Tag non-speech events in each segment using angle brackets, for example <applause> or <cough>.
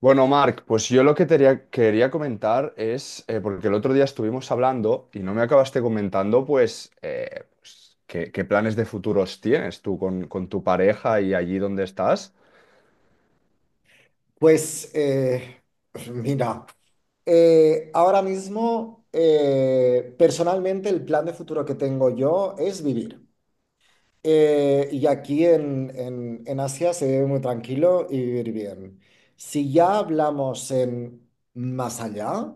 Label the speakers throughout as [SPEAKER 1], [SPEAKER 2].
[SPEAKER 1] Bueno, Marc, pues yo lo que te quería comentar es, porque el otro día estuvimos hablando y no me acabaste comentando, pues, qué planes de futuros tienes tú con tu pareja y allí donde estás.
[SPEAKER 2] Pues, <laughs> mira, ahora mismo personalmente el plan de futuro que tengo yo es vivir. Y aquí en Asia se vive muy tranquilo y vivir bien. Si ya hablamos en más allá,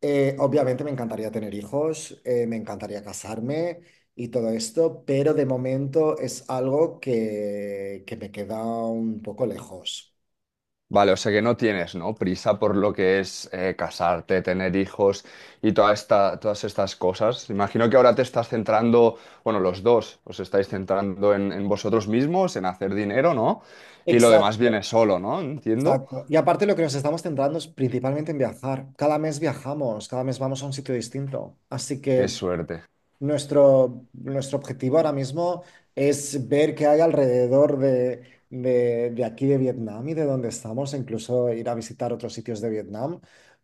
[SPEAKER 2] obviamente me encantaría tener hijos, me encantaría casarme y todo esto, pero de momento es algo que me queda un poco lejos.
[SPEAKER 1] Vale, o sea que no tienes, ¿no? Prisa por lo que es casarte, tener hijos y todas estas cosas. Imagino que ahora te estás centrando, bueno, los dos os estáis centrando en vosotros mismos, en hacer dinero, ¿no? Y lo demás viene
[SPEAKER 2] Exacto.
[SPEAKER 1] solo, ¿no? Entiendo.
[SPEAKER 2] Exacto. Y aparte lo que nos estamos centrando es principalmente en viajar. Cada mes viajamos, cada mes vamos a un sitio distinto. Así
[SPEAKER 1] Qué
[SPEAKER 2] que
[SPEAKER 1] suerte.
[SPEAKER 2] nuestro objetivo ahora mismo es ver qué hay alrededor de aquí de Vietnam y de donde estamos, e incluso ir a visitar otros sitios de Vietnam.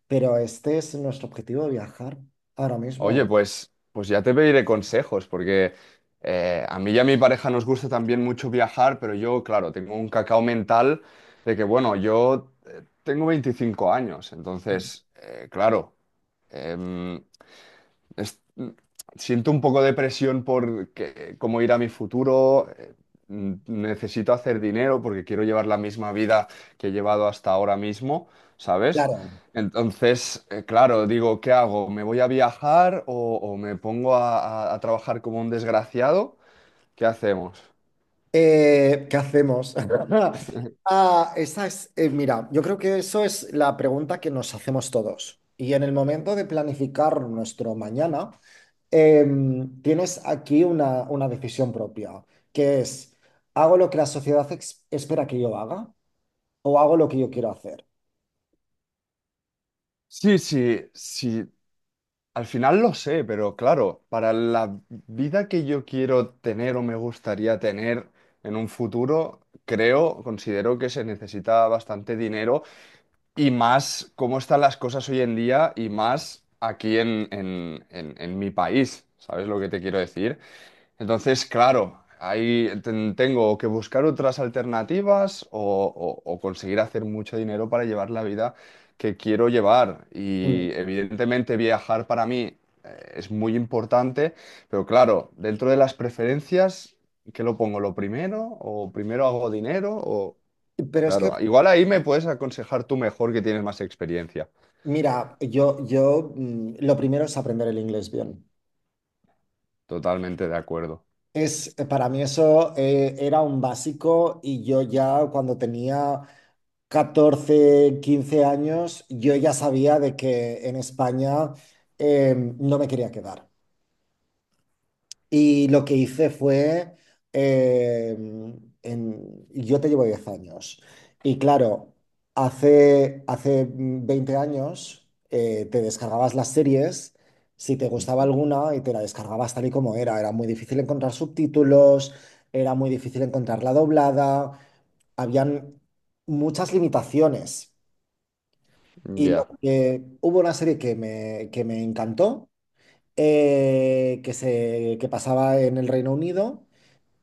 [SPEAKER 2] Pero este es nuestro objetivo de viajar ahora
[SPEAKER 1] Oye,
[SPEAKER 2] mismo.
[SPEAKER 1] pues ya te pediré consejos, porque a mí y a mi pareja nos gusta también mucho viajar, pero yo, claro, tengo un cacao mental de que, bueno, yo tengo 25 años, entonces, claro, em, es- siento un poco de presión cómo irá mi futuro. Necesito hacer dinero porque quiero llevar la misma vida que he llevado hasta ahora mismo, ¿sabes?
[SPEAKER 2] Claro.
[SPEAKER 1] Entonces, claro, digo, ¿qué hago? ¿Me voy a viajar o me pongo a trabajar como un desgraciado? ¿Qué hacemos?
[SPEAKER 2] ¿Qué hacemos? <laughs> Ah, esa es, mira, yo creo que eso es la pregunta que nos hacemos todos. Y en el momento de planificar nuestro mañana, tienes aquí una decisión propia, que es, ¿hago lo que la sociedad espera que yo haga o hago lo que yo quiero hacer?
[SPEAKER 1] Sí, sí, sí. Al final lo sé, pero claro, para la vida que yo quiero tener o me gustaría tener en un futuro, creo, considero que se necesita bastante dinero y más cómo están las cosas hoy en día y más aquí en mi país. ¿Sabes lo que te quiero decir? Entonces, claro, ahí tengo que buscar otras alternativas o, o conseguir hacer mucho dinero para llevar la vida que quiero llevar.
[SPEAKER 2] Mm.
[SPEAKER 1] Y evidentemente viajar para mí es muy importante, pero claro, dentro de las preferencias, ¿qué lo pongo? ¿Lo primero? ¿O primero hago dinero? O
[SPEAKER 2] Pero es que,
[SPEAKER 1] claro, igual ahí me puedes aconsejar tú mejor que tienes más experiencia.
[SPEAKER 2] mira, yo, lo primero es aprender el inglés bien.
[SPEAKER 1] Totalmente de acuerdo.
[SPEAKER 2] Es, para mí eso era un básico y yo ya cuando tenía 14 15 años, yo ya sabía de que en España no me quería quedar. Y lo que hice fue, eh, yo te llevo 10 años. Y claro, hace 20 años te descargabas las series, si te gustaba alguna, y te la descargabas tal y como era. Era muy difícil encontrar subtítulos, era muy difícil encontrarla doblada, habían muchas limitaciones. Y lo
[SPEAKER 1] Ya,
[SPEAKER 2] que hubo una serie que me encantó, que pasaba en el Reino Unido,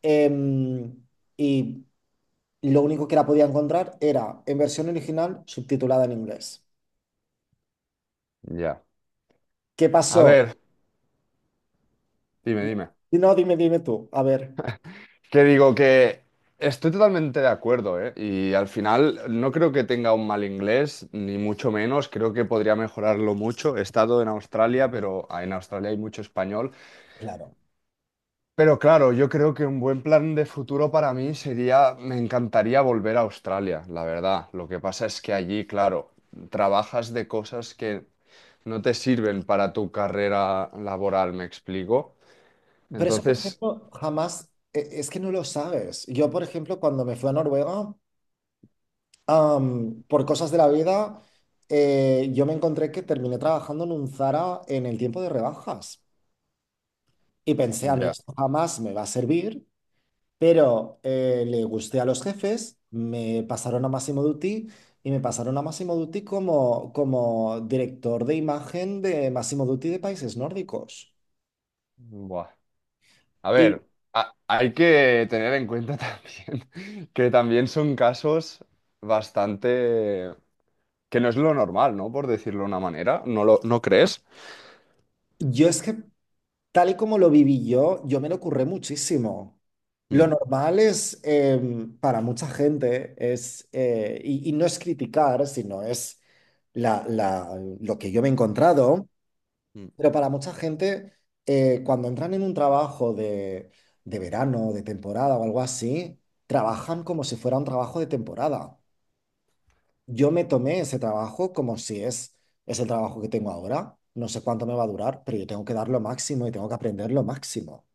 [SPEAKER 2] Em, y lo único que la podía encontrar era en versión original subtitulada en inglés.
[SPEAKER 1] ya.
[SPEAKER 2] ¿Qué
[SPEAKER 1] A
[SPEAKER 2] pasó?
[SPEAKER 1] ver, dime, dime.
[SPEAKER 2] Y no, dime, dime tú. A ver,
[SPEAKER 1] Que digo que estoy totalmente de acuerdo, ¿eh? Y al final no creo que tenga un mal inglés, ni mucho menos. Creo que podría mejorarlo mucho. He estado en Australia, pero en Australia hay mucho español.
[SPEAKER 2] claro.
[SPEAKER 1] Pero claro, yo creo que un buen plan de futuro para mí sería, me encantaría volver a Australia, la verdad. Lo que pasa es que allí, claro, trabajas de cosas que no te sirven para tu carrera laboral, ¿me explico?
[SPEAKER 2] Pero eso, por
[SPEAKER 1] Entonces,
[SPEAKER 2] ejemplo, jamás, es que no lo sabes. Yo, por ejemplo, cuando me fui a Noruega, por cosas de la vida, yo me encontré que terminé trabajando en un Zara en el tiempo de rebajas. Y pensé, a mí
[SPEAKER 1] ya,
[SPEAKER 2] esto jamás me va a servir. Pero le gusté a los jefes, me pasaron a Massimo Dutti y me pasaron a Massimo Dutti como, director de imagen de Massimo Dutti de países nórdicos.
[SPEAKER 1] buah. A
[SPEAKER 2] Y
[SPEAKER 1] ver, hay que tener en cuenta <laughs> también que también son casos bastante... que no es lo normal, ¿no? Por decirlo de una manera, ¿no crees?
[SPEAKER 2] yo es que, tal y como lo viví yo, me lo curré muchísimo. Lo
[SPEAKER 1] Mm,
[SPEAKER 2] normal es, para mucha gente, es, y no es criticar, sino es lo que yo me he encontrado.
[SPEAKER 1] mm.
[SPEAKER 2] Pero para mucha gente, cuando entran en un trabajo de verano, de temporada o algo así, trabajan como si fuera un trabajo de temporada. Yo me tomé ese trabajo como si es el trabajo que tengo ahora. No sé cuánto me va a durar, pero yo tengo que dar lo máximo y tengo que aprender lo máximo.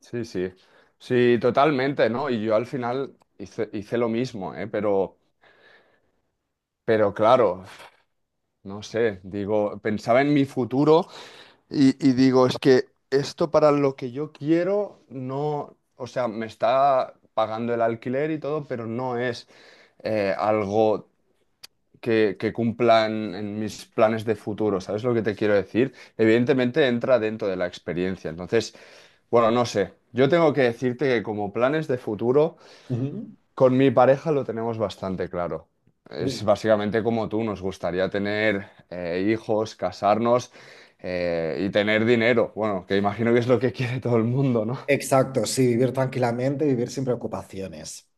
[SPEAKER 1] Sí, sí, sí, totalmente, ¿no? Y yo al final hice lo mismo, ¿eh? Pero claro, no sé, digo, pensaba en mi futuro. Y digo, es que esto para lo que yo quiero, no, o sea, me está pagando el alquiler y todo, pero no es algo que cumpla en mis planes de futuro, ¿sabes lo que te quiero decir? Evidentemente entra dentro de la experiencia, entonces, bueno, no sé, yo tengo que decirte que como planes de futuro...
[SPEAKER 2] Ujú.
[SPEAKER 1] Con mi pareja lo tenemos bastante claro. Es
[SPEAKER 2] Vi-
[SPEAKER 1] básicamente como tú, nos gustaría tener hijos, casarnos y tener dinero. Bueno, que imagino que es lo que quiere todo el mundo, ¿no?
[SPEAKER 2] Exacto, sí, vivir tranquilamente, vivir sin preocupaciones.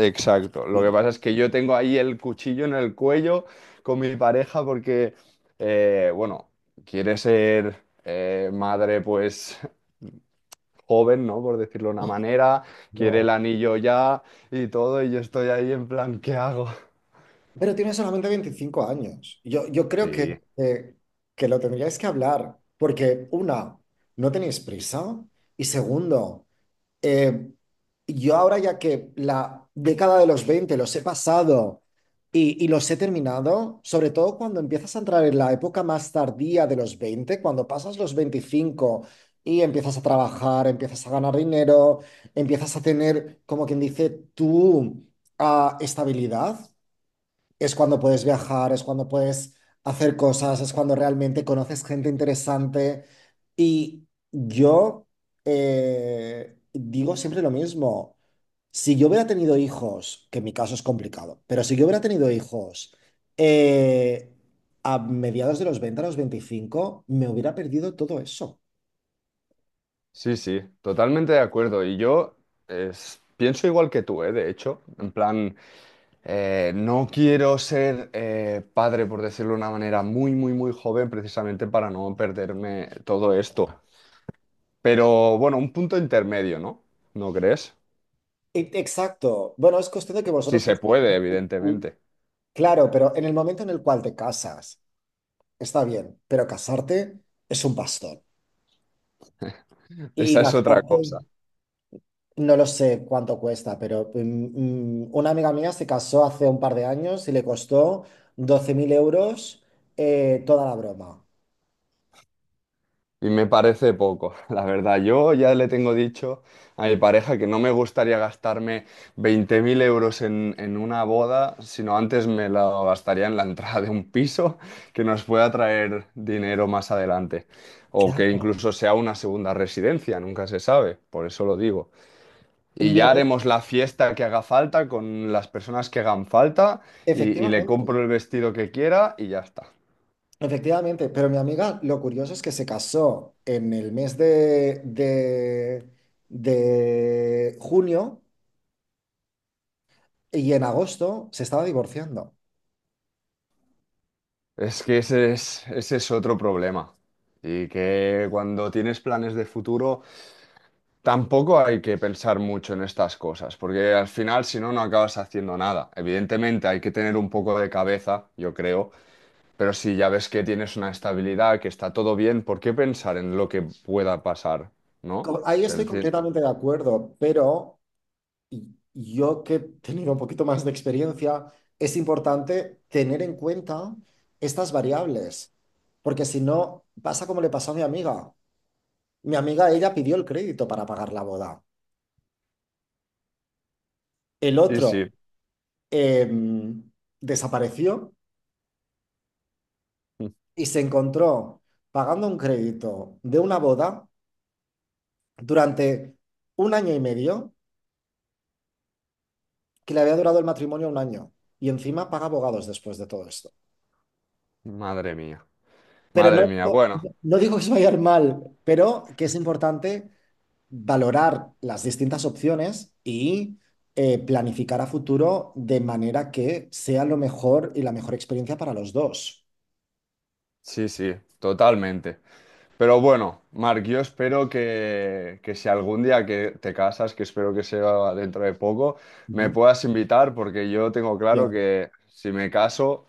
[SPEAKER 1] Exacto. Lo que
[SPEAKER 2] Bien.
[SPEAKER 1] pasa es que yo tengo ahí el cuchillo en el cuello con mi pareja porque, bueno, quiere ser madre pues joven, ¿no? Por decirlo de una
[SPEAKER 2] Ah,
[SPEAKER 1] manera, quiere el
[SPEAKER 2] no.
[SPEAKER 1] anillo ya y todo y yo estoy ahí en plan, ¿qué hago?
[SPEAKER 2] Pero tiene solamente 25 años. Yo, creo
[SPEAKER 1] Sí.
[SPEAKER 2] que, que lo tendríais que hablar, porque una, no tenéis prisa, y segundo, eh, yo ahora ya que la década de los 20 los he pasado y los he terminado, sobre todo cuando empiezas a entrar en la época más tardía de los 20 cuando pasas los 25 y empiezas a trabajar, empiezas a ganar dinero, empiezas a tener, como quien dice, tu estabilidad, es cuando puedes viajar, es cuando puedes hacer cosas, es cuando realmente conoces gente interesante. Y yo digo siempre lo mismo. Si yo hubiera tenido hijos, que en mi caso es complicado, pero si yo hubiera tenido hijos, eh, a mediados de los 20 a los 25 me hubiera perdido todo eso.
[SPEAKER 1] Sí, sí, totalmente de acuerdo. Y yo pienso igual que tú, ¿eh? De hecho, en plan, no quiero ser padre, por decirlo de una manera, muy, muy, muy joven, precisamente para no perderme todo esto. Pero bueno, un punto intermedio, ¿no? ¿No crees?
[SPEAKER 2] Exacto. Bueno, es cuestión de que
[SPEAKER 1] Si
[SPEAKER 2] vosotros no...
[SPEAKER 1] se puede, evidentemente.
[SPEAKER 2] Claro, pero en el momento en el cual te casas, está bien, pero casarte es un bastón. Y
[SPEAKER 1] Esa es otra
[SPEAKER 2] gastarte,
[SPEAKER 1] cosa.
[SPEAKER 2] no lo sé cuánto cuesta, pero una amiga mía se casó hace un par de años y le costó 12.000 euros, toda la broma.
[SPEAKER 1] Y me parece poco, <laughs> la verdad. Yo ya le tengo dicho a mi pareja que no me gustaría gastarme 20.000 euros en una boda, sino antes me lo gastaría en la entrada de un piso <laughs> que nos pueda traer dinero más adelante. O que
[SPEAKER 2] Claro.
[SPEAKER 1] incluso sea una segunda residencia, nunca se sabe, por eso lo digo. Y
[SPEAKER 2] Mi
[SPEAKER 1] ya
[SPEAKER 2] ami-
[SPEAKER 1] haremos la fiesta que haga falta con las personas que hagan falta y le
[SPEAKER 2] Efectivamente.
[SPEAKER 1] compro el vestido que quiera y ya está.
[SPEAKER 2] Efectivamente, pero mi amiga, lo curioso es que se casó en el mes de junio y en agosto se estaba divorciando.
[SPEAKER 1] Es que ese es otro problema. Y que cuando tienes planes de futuro, tampoco hay que pensar mucho en estas cosas, porque al final, si no, no acabas haciendo nada. Evidentemente, hay que tener un poco de cabeza, yo creo, pero si ya ves que tienes una estabilidad, que está todo bien, ¿por qué pensar en lo que pueda pasar? ¿No? O
[SPEAKER 2] Ahí
[SPEAKER 1] sea,
[SPEAKER 2] estoy
[SPEAKER 1] al final.
[SPEAKER 2] completamente de acuerdo, pero y yo que he tenido un poquito más de experiencia, es importante tener en cuenta estas variables, porque si no, pasa como le pasó a mi amiga. Mi amiga, ella pidió el crédito para pagar la boda. El
[SPEAKER 1] Sí, sí.
[SPEAKER 2] otro em, desapareció
[SPEAKER 1] <laughs>
[SPEAKER 2] y se encontró pagando un crédito de una boda durante un año y medio, que le había durado el matrimonio un año. Y encima paga abogados después de todo esto.
[SPEAKER 1] Madre mía.
[SPEAKER 2] Pero
[SPEAKER 1] Madre
[SPEAKER 2] no,
[SPEAKER 1] mía.
[SPEAKER 2] no,
[SPEAKER 1] Bueno,
[SPEAKER 2] no digo que se vaya a ir mal, pero que es importante valorar las distintas opciones y planificar a futuro de manera que sea lo mejor y la mejor experiencia para los dos.
[SPEAKER 1] sí, sí, totalmente. Pero bueno, Marc, yo espero que si algún día que te casas, que espero que sea dentro de poco, me
[SPEAKER 2] Ujú.
[SPEAKER 1] puedas invitar porque yo tengo claro
[SPEAKER 2] Bien.
[SPEAKER 1] que si me caso,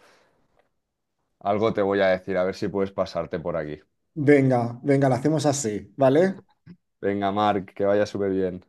[SPEAKER 1] algo te voy a decir, a ver si puedes pasarte por aquí.
[SPEAKER 2] Venga, venga, lo hacemos así, ¿vale?
[SPEAKER 1] Venga, Marc, que vaya súper bien.